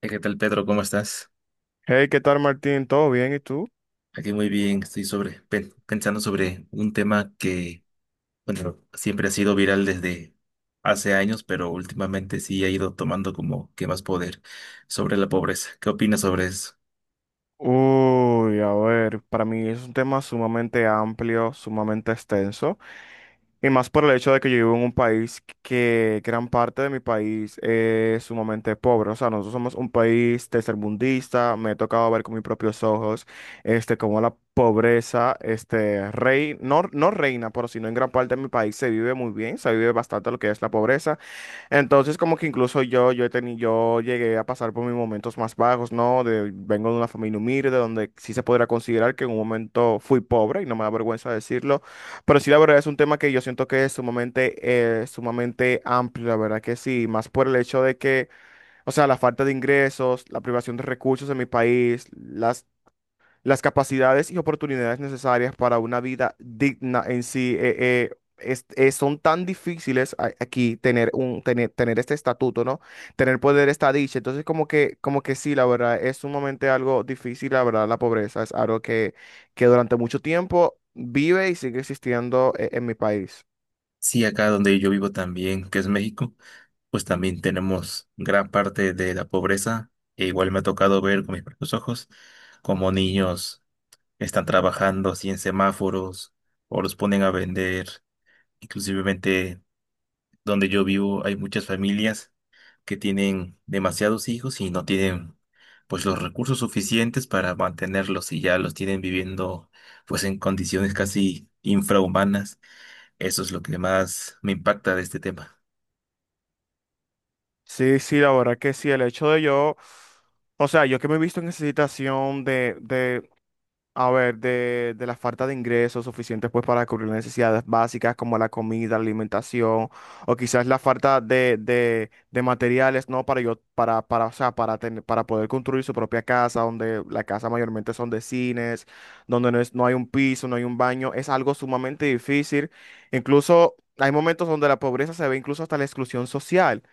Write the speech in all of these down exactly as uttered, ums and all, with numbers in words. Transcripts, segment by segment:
Eh, ¿Qué tal, Pedro? ¿Cómo estás? Hey, ¿qué tal, Martín? ¿Todo bien? ¿Y tú? Aquí muy bien, estoy sobre, pen- pensando sobre un tema que, bueno, siempre ha sido viral desde hace años, pero últimamente sí ha ido tomando como que más poder sobre la pobreza. ¿Qué opinas sobre eso? Uy, a ver, para mí es un tema sumamente amplio, sumamente extenso, y más por el hecho de que yo vivo en un país que gran parte de mi país es sumamente pobre. O sea, nosotros somos un país tercermundista, me he tocado ver con mis propios ojos, este, cómo la pobreza, este, rey, no, no reina, pero sino en gran parte de mi país se vive muy bien, se vive bastante lo que es la pobreza. Entonces, como que incluso yo, yo he tenido yo llegué a pasar por mis momentos más bajos, ¿no? De, vengo de una familia humilde, donde sí se podrá considerar que en un momento fui pobre, y no me da vergüenza decirlo, pero sí la verdad es un tema que yo siento que es sumamente, eh, sumamente amplio, la verdad que sí, más por el hecho de que, o sea, la falta de ingresos, la privación de recursos en mi país, las las capacidades y oportunidades necesarias para una vida digna en sí. Eh, eh, es- eh, son tan difíciles a- aquí tener un tener, tener este estatuto, ¿no? Tener poder esta dicha. Entonces, como que, como que sí, la verdad, es sumamente algo difícil, la verdad, la pobreza. Es algo que, que durante mucho tiempo vive y sigue existiendo eh, en mi país. Sí, acá donde yo vivo también, que es México, pues también tenemos gran parte de la pobreza. E igual me ha tocado ver con mis propios ojos cómo niños están trabajando así en semáforos o los ponen a vender, inclusivemente. Donde yo vivo hay muchas familias que tienen demasiados hijos y no tienen pues los recursos suficientes para mantenerlos y ya los tienen viviendo pues en condiciones casi infrahumanas. Eso es lo que más me impacta de este tema. Sí, sí, la verdad que sí, el hecho de yo, o sea, yo que me he visto en esa situación de, a ver, de, de la falta de ingresos suficientes pues para cubrir necesidades básicas como la comida, la alimentación, o quizás la falta de, de, de materiales, ¿no? Para yo, para, para, o sea, para tener, para poder construir su propia casa, donde la casa mayormente son de cines, donde no es, no hay un piso, no hay un baño, es algo sumamente difícil. Incluso hay momentos donde la pobreza se ve incluso hasta la exclusión social.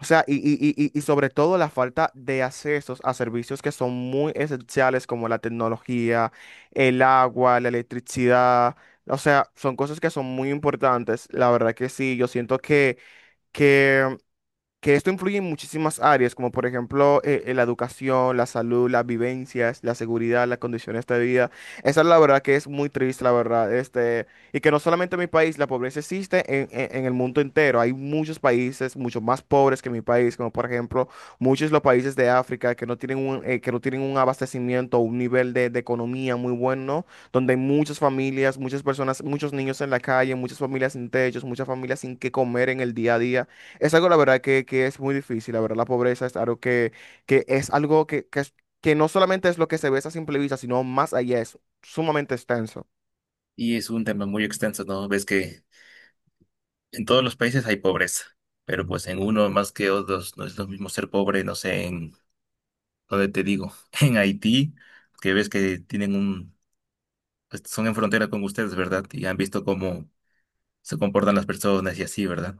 O sea, y, y, y, y y sobre todo la falta de accesos a servicios que son muy esenciales como la tecnología, el agua, la electricidad. O sea, son cosas que son muy importantes. La verdad que sí, yo siento que, que esto influye en muchísimas áreas, como por ejemplo eh, eh, la educación, la salud, las vivencias, la seguridad, las condiciones de vida. Esa es la verdad que es muy triste, la verdad. Este, y que no solamente en mi país, la pobreza existe en, en- en el mundo entero. Hay muchos países, mucho más pobres que mi país, como por ejemplo muchos de los países de África que no tienen un, eh, que no tienen un abastecimiento, un nivel de, de economía muy bueno, donde hay muchas familias, muchas personas, muchos niños en la calle, muchas familias sin techos, muchas familias sin qué comer en el día a día. Es algo, la verdad, que, que es muy difícil. La verdad, la pobreza es algo que, que es algo que, que, es- que no solamente es lo que se ve a simple vista, sino más allá, es sumamente extenso. Y es un tema muy extenso, ¿no? Ves que en todos los países hay pobreza, pero pues en uno más que otros no es lo mismo ser pobre, no sé, en donde te digo, en Haití, que ves que tienen un, pues, son en frontera con ustedes, ¿verdad? Y han visto cómo se comportan las personas y así, ¿verdad?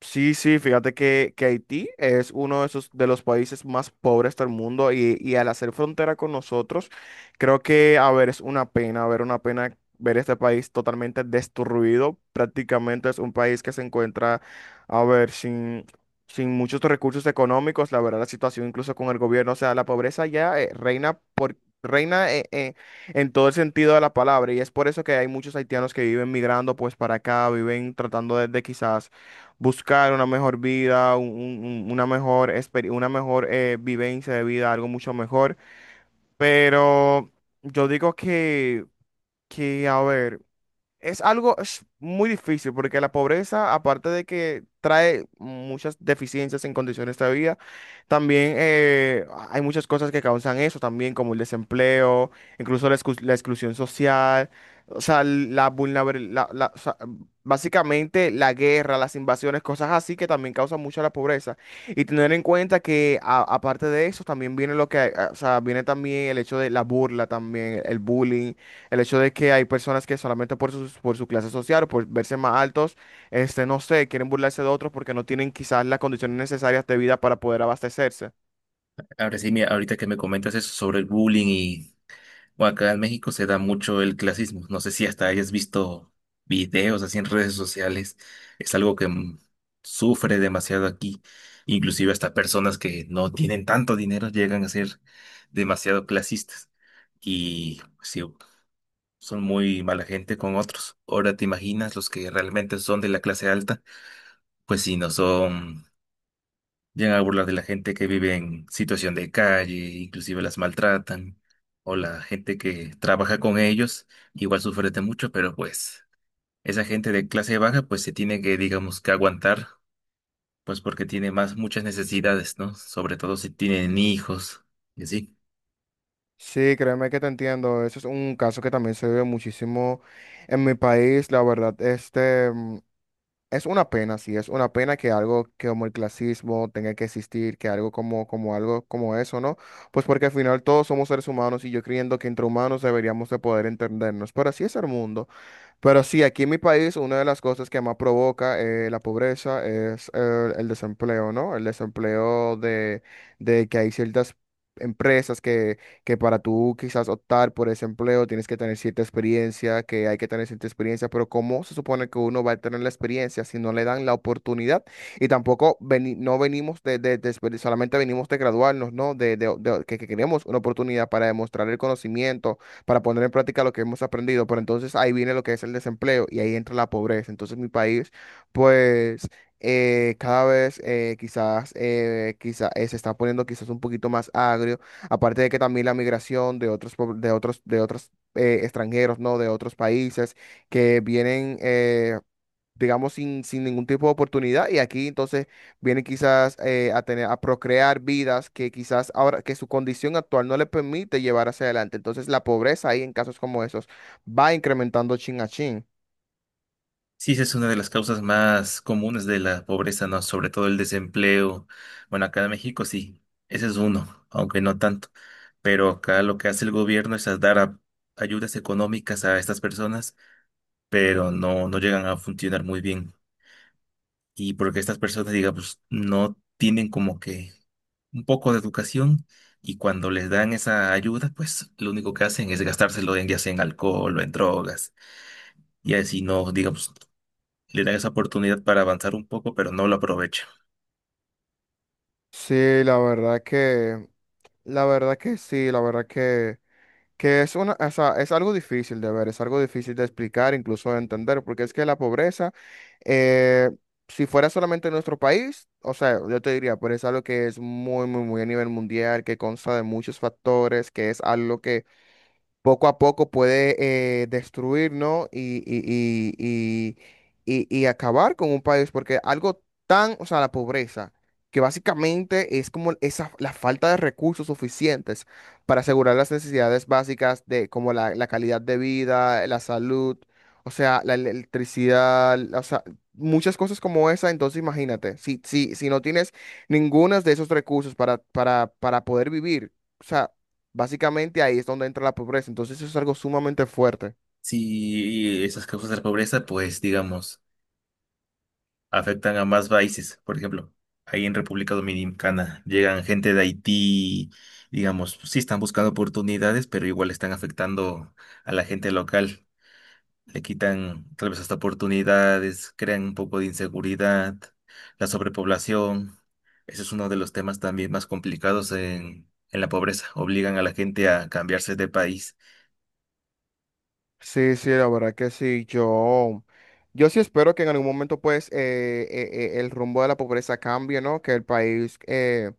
Sí, sí, fíjate que, que Haití es uno de esos de los países más pobres del mundo y, y al hacer frontera con nosotros, creo que, a ver, es una pena, a ver, una pena ver este país totalmente destruido. Prácticamente es un país que se encuentra, a ver, sin, sin muchos recursos económicos, la verdad, la situación incluso con el gobierno, o sea, la pobreza ya eh, reina por... Reina eh, eh, en todo el sentido de la palabra y es por eso que hay muchos haitianos que viven migrando pues para acá, viven tratando de de quizás buscar una mejor vida, un- un- una mejor, exper- una mejor eh, vivencia de vida, algo mucho mejor. Pero yo digo que, que, a ver. Es algo es muy difícil porque la pobreza, aparte de que trae muchas deficiencias en condiciones de vida, también eh, hay muchas cosas que causan eso también, como el desempleo, incluso la, exclu- la exclusión social, o sea, la vulnerabilidad, básicamente la guerra, las invasiones, cosas así que también causan mucho la pobreza. Y tener en cuenta que a- aparte de eso también viene lo que, eh, o sea, viene también el hecho de la burla también, el bullying, el hecho de que hay personas que solamente por su, por su clase social o por verse más altos, este, no sé, quieren burlarse de otros porque no tienen quizás las condiciones necesarias de vida para poder abastecerse. Ahora sí, mira, ahorita que me comentas eso sobre el bullying y bueno, acá en México se da mucho el clasismo. No sé si hasta hayas visto videos así en redes sociales. Es algo que mm, sufre demasiado aquí. Inclusive hasta personas que no tienen tanto dinero llegan a ser demasiado clasistas. Y pues sí, son muy mala gente con otros. Ahora te imaginas los que realmente son de la clase alta, pues si no son. Llegan a burlar de la gente que vive en situación de calle, inclusive las maltratan, o la gente que trabaja con ellos, igual sufre de mucho, pero pues esa gente de clase baja pues se tiene que, digamos, que aguantar, pues porque tiene más muchas necesidades, ¿no? Sobre todo si tienen hijos y así. Sí, créeme que te entiendo. Eso es un caso que también se ve muchísimo en mi país. La verdad, este mm, es una pena, sí, es una pena que algo que como el clasismo tenga que existir, que algo como, como algo como eso, ¿no? Pues porque al final todos somos seres humanos y yo creyendo que entre humanos deberíamos de poder entendernos. Pero así es el mundo. Pero sí, aquí en mi país una de las cosas que más provoca eh, la pobreza es eh, el desempleo, ¿no? El desempleo de, de que hay ciertas empresas que, que para tú quizás optar por ese empleo tienes que tener cierta experiencia, que hay que tener cierta experiencia, pero ¿cómo se supone que uno va a tener la experiencia si no le dan la oportunidad? Y tampoco veni- no venimos de, de, de exper- solamente venimos de graduarnos, ¿no? De, de, de- que, que queremos una oportunidad para demostrar el conocimiento para poner en práctica lo que hemos aprendido, pero entonces ahí viene lo que es el desempleo y ahí entra la pobreza. Entonces mi país, pues eh, cada vez eh, quizás, eh, quizá- eh, se está poniendo quizás un poquito más agrio, aparte de que también la migración de otros, pobl- de otros, de otros eh, extranjeros, ¿no? De otros países que vienen. Eh, digamos, sin, sin ningún tipo de oportunidad. Y aquí entonces vienen quizás eh, a tener, a procrear vidas que quizás ahora, que su condición actual no le permite llevar hacia adelante. Entonces la pobreza ahí en casos como esos va incrementando chin a chin. Sí, esa es una de las causas más comunes de la pobreza, ¿no? Sobre todo el desempleo. Bueno, acá en México sí, ese es uno, aunque no tanto. Pero acá lo que hace el gobierno es a dar a- ayudas económicas a estas personas, pero no, no llegan a funcionar muy bien. Y porque estas personas, digamos, no tienen como que un poco de educación y cuando les dan esa ayuda, pues lo único que hacen es gastárselo en, ya sea en alcohol o en drogas. Y así no, digamos, le dan esa oportunidad para avanzar un poco, pero no lo aprovechan. Sí, la verdad que, la verdad que sí, la verdad que Que es una, o sea, es algo difícil de ver, es algo difícil de explicar, incluso de entender, porque es que la pobreza, eh, si fuera solamente en nuestro país, o sea, yo te diría, pero es algo que es muy, muy, muy a nivel mundial, que consta de muchos factores, que es algo que poco a poco puede eh, destruir, ¿no? Y, y, y, y, y- y acabar con un país, porque algo tan, o sea, la pobreza, que básicamente es como esa, la falta de recursos suficientes para asegurar las necesidades básicas de como la, la calidad de vida, la salud, o sea, la electricidad, o sea, muchas cosas como esa, entonces imagínate, si, si, si no tienes ninguno de esos recursos para, para, para poder vivir. O sea, básicamente ahí es donde entra la pobreza. Entonces eso es algo sumamente fuerte. Si esas causas de la pobreza, pues digamos, afectan a más países. Por ejemplo, ahí en República Dominicana llegan gente de Haití, digamos, sí están buscando oportunidades, pero igual están afectando a la gente local. Le quitan tal vez hasta oportunidades, crean un poco de inseguridad, la sobrepoblación. Ese es uno de los temas también más complicados en, en la pobreza. Obligan a la gente a cambiarse de país. Sí, sí, la verdad que sí. Yo, yo sí espero que en algún momento pues eh, eh, eh, el rumbo de la pobreza cambie, ¿no? Que el país eh,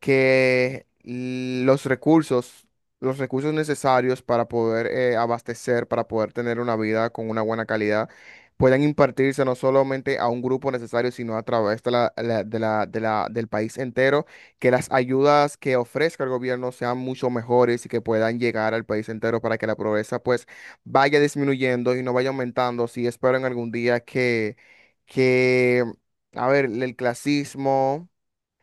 que los recursos, los recursos necesarios para poder eh, abastecer, para poder tener una vida con una buena calidad, puedan impartirse no solamente a un grupo necesario, sino a través de la, la- de la- de la- del país entero, que las ayudas que ofrezca el gobierno sean mucho mejores y que puedan llegar al país entero para que la pobreza pues vaya disminuyendo y no vaya aumentando. Sí, espero en algún día que, que, a ver, el clasismo,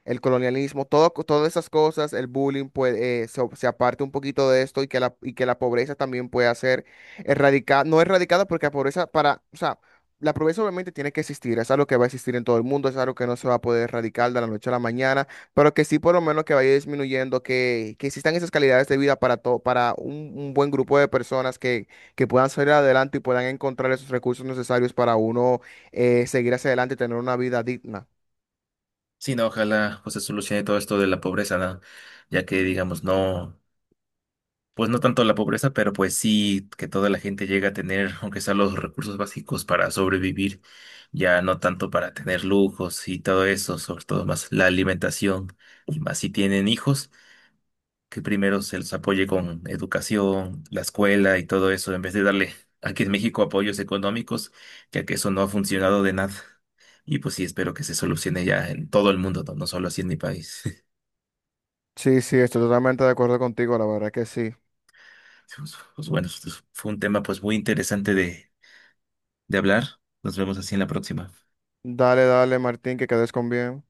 el colonialismo, todo, todas esas cosas, el bullying, pues eh, se, se aparte un poquito de esto y que la, y que la pobreza también pueda ser erradicada, no erradicada porque la pobreza para, o sea, la pobreza obviamente tiene que existir, es algo que va a existir en todo el mundo, es algo que no se va a poder erradicar de la noche a la mañana, pero que sí por lo menos que vaya disminuyendo, que, que existan esas calidades de vida para todo, para un, un buen grupo de personas que, que puedan salir adelante y puedan encontrar esos recursos necesarios para uno eh, seguir hacia adelante y tener una vida digna. Sí, no, ojalá pues se solucione todo esto de la pobreza, ¿no? Ya que digamos, no, pues no tanto la pobreza, pero pues sí que toda la gente llegue a tener, aunque sea los recursos básicos para sobrevivir, ya no tanto para tener lujos y todo eso, sobre todo más la alimentación, y más si tienen hijos que primero se les apoye con educación, la escuela y todo eso, en vez de darle aquí en México apoyos económicos, ya que eso no ha funcionado de nada. Y pues sí, espero que se solucione ya en todo el mundo, no, no solo así en mi país. Sí, sí, estoy totalmente de acuerdo contigo, la verdad que sí. Pues, pues bueno, esto fue un tema pues muy interesante de, de hablar. Nos vemos así en la próxima. Dale, dale, Martín, que quedes con bien.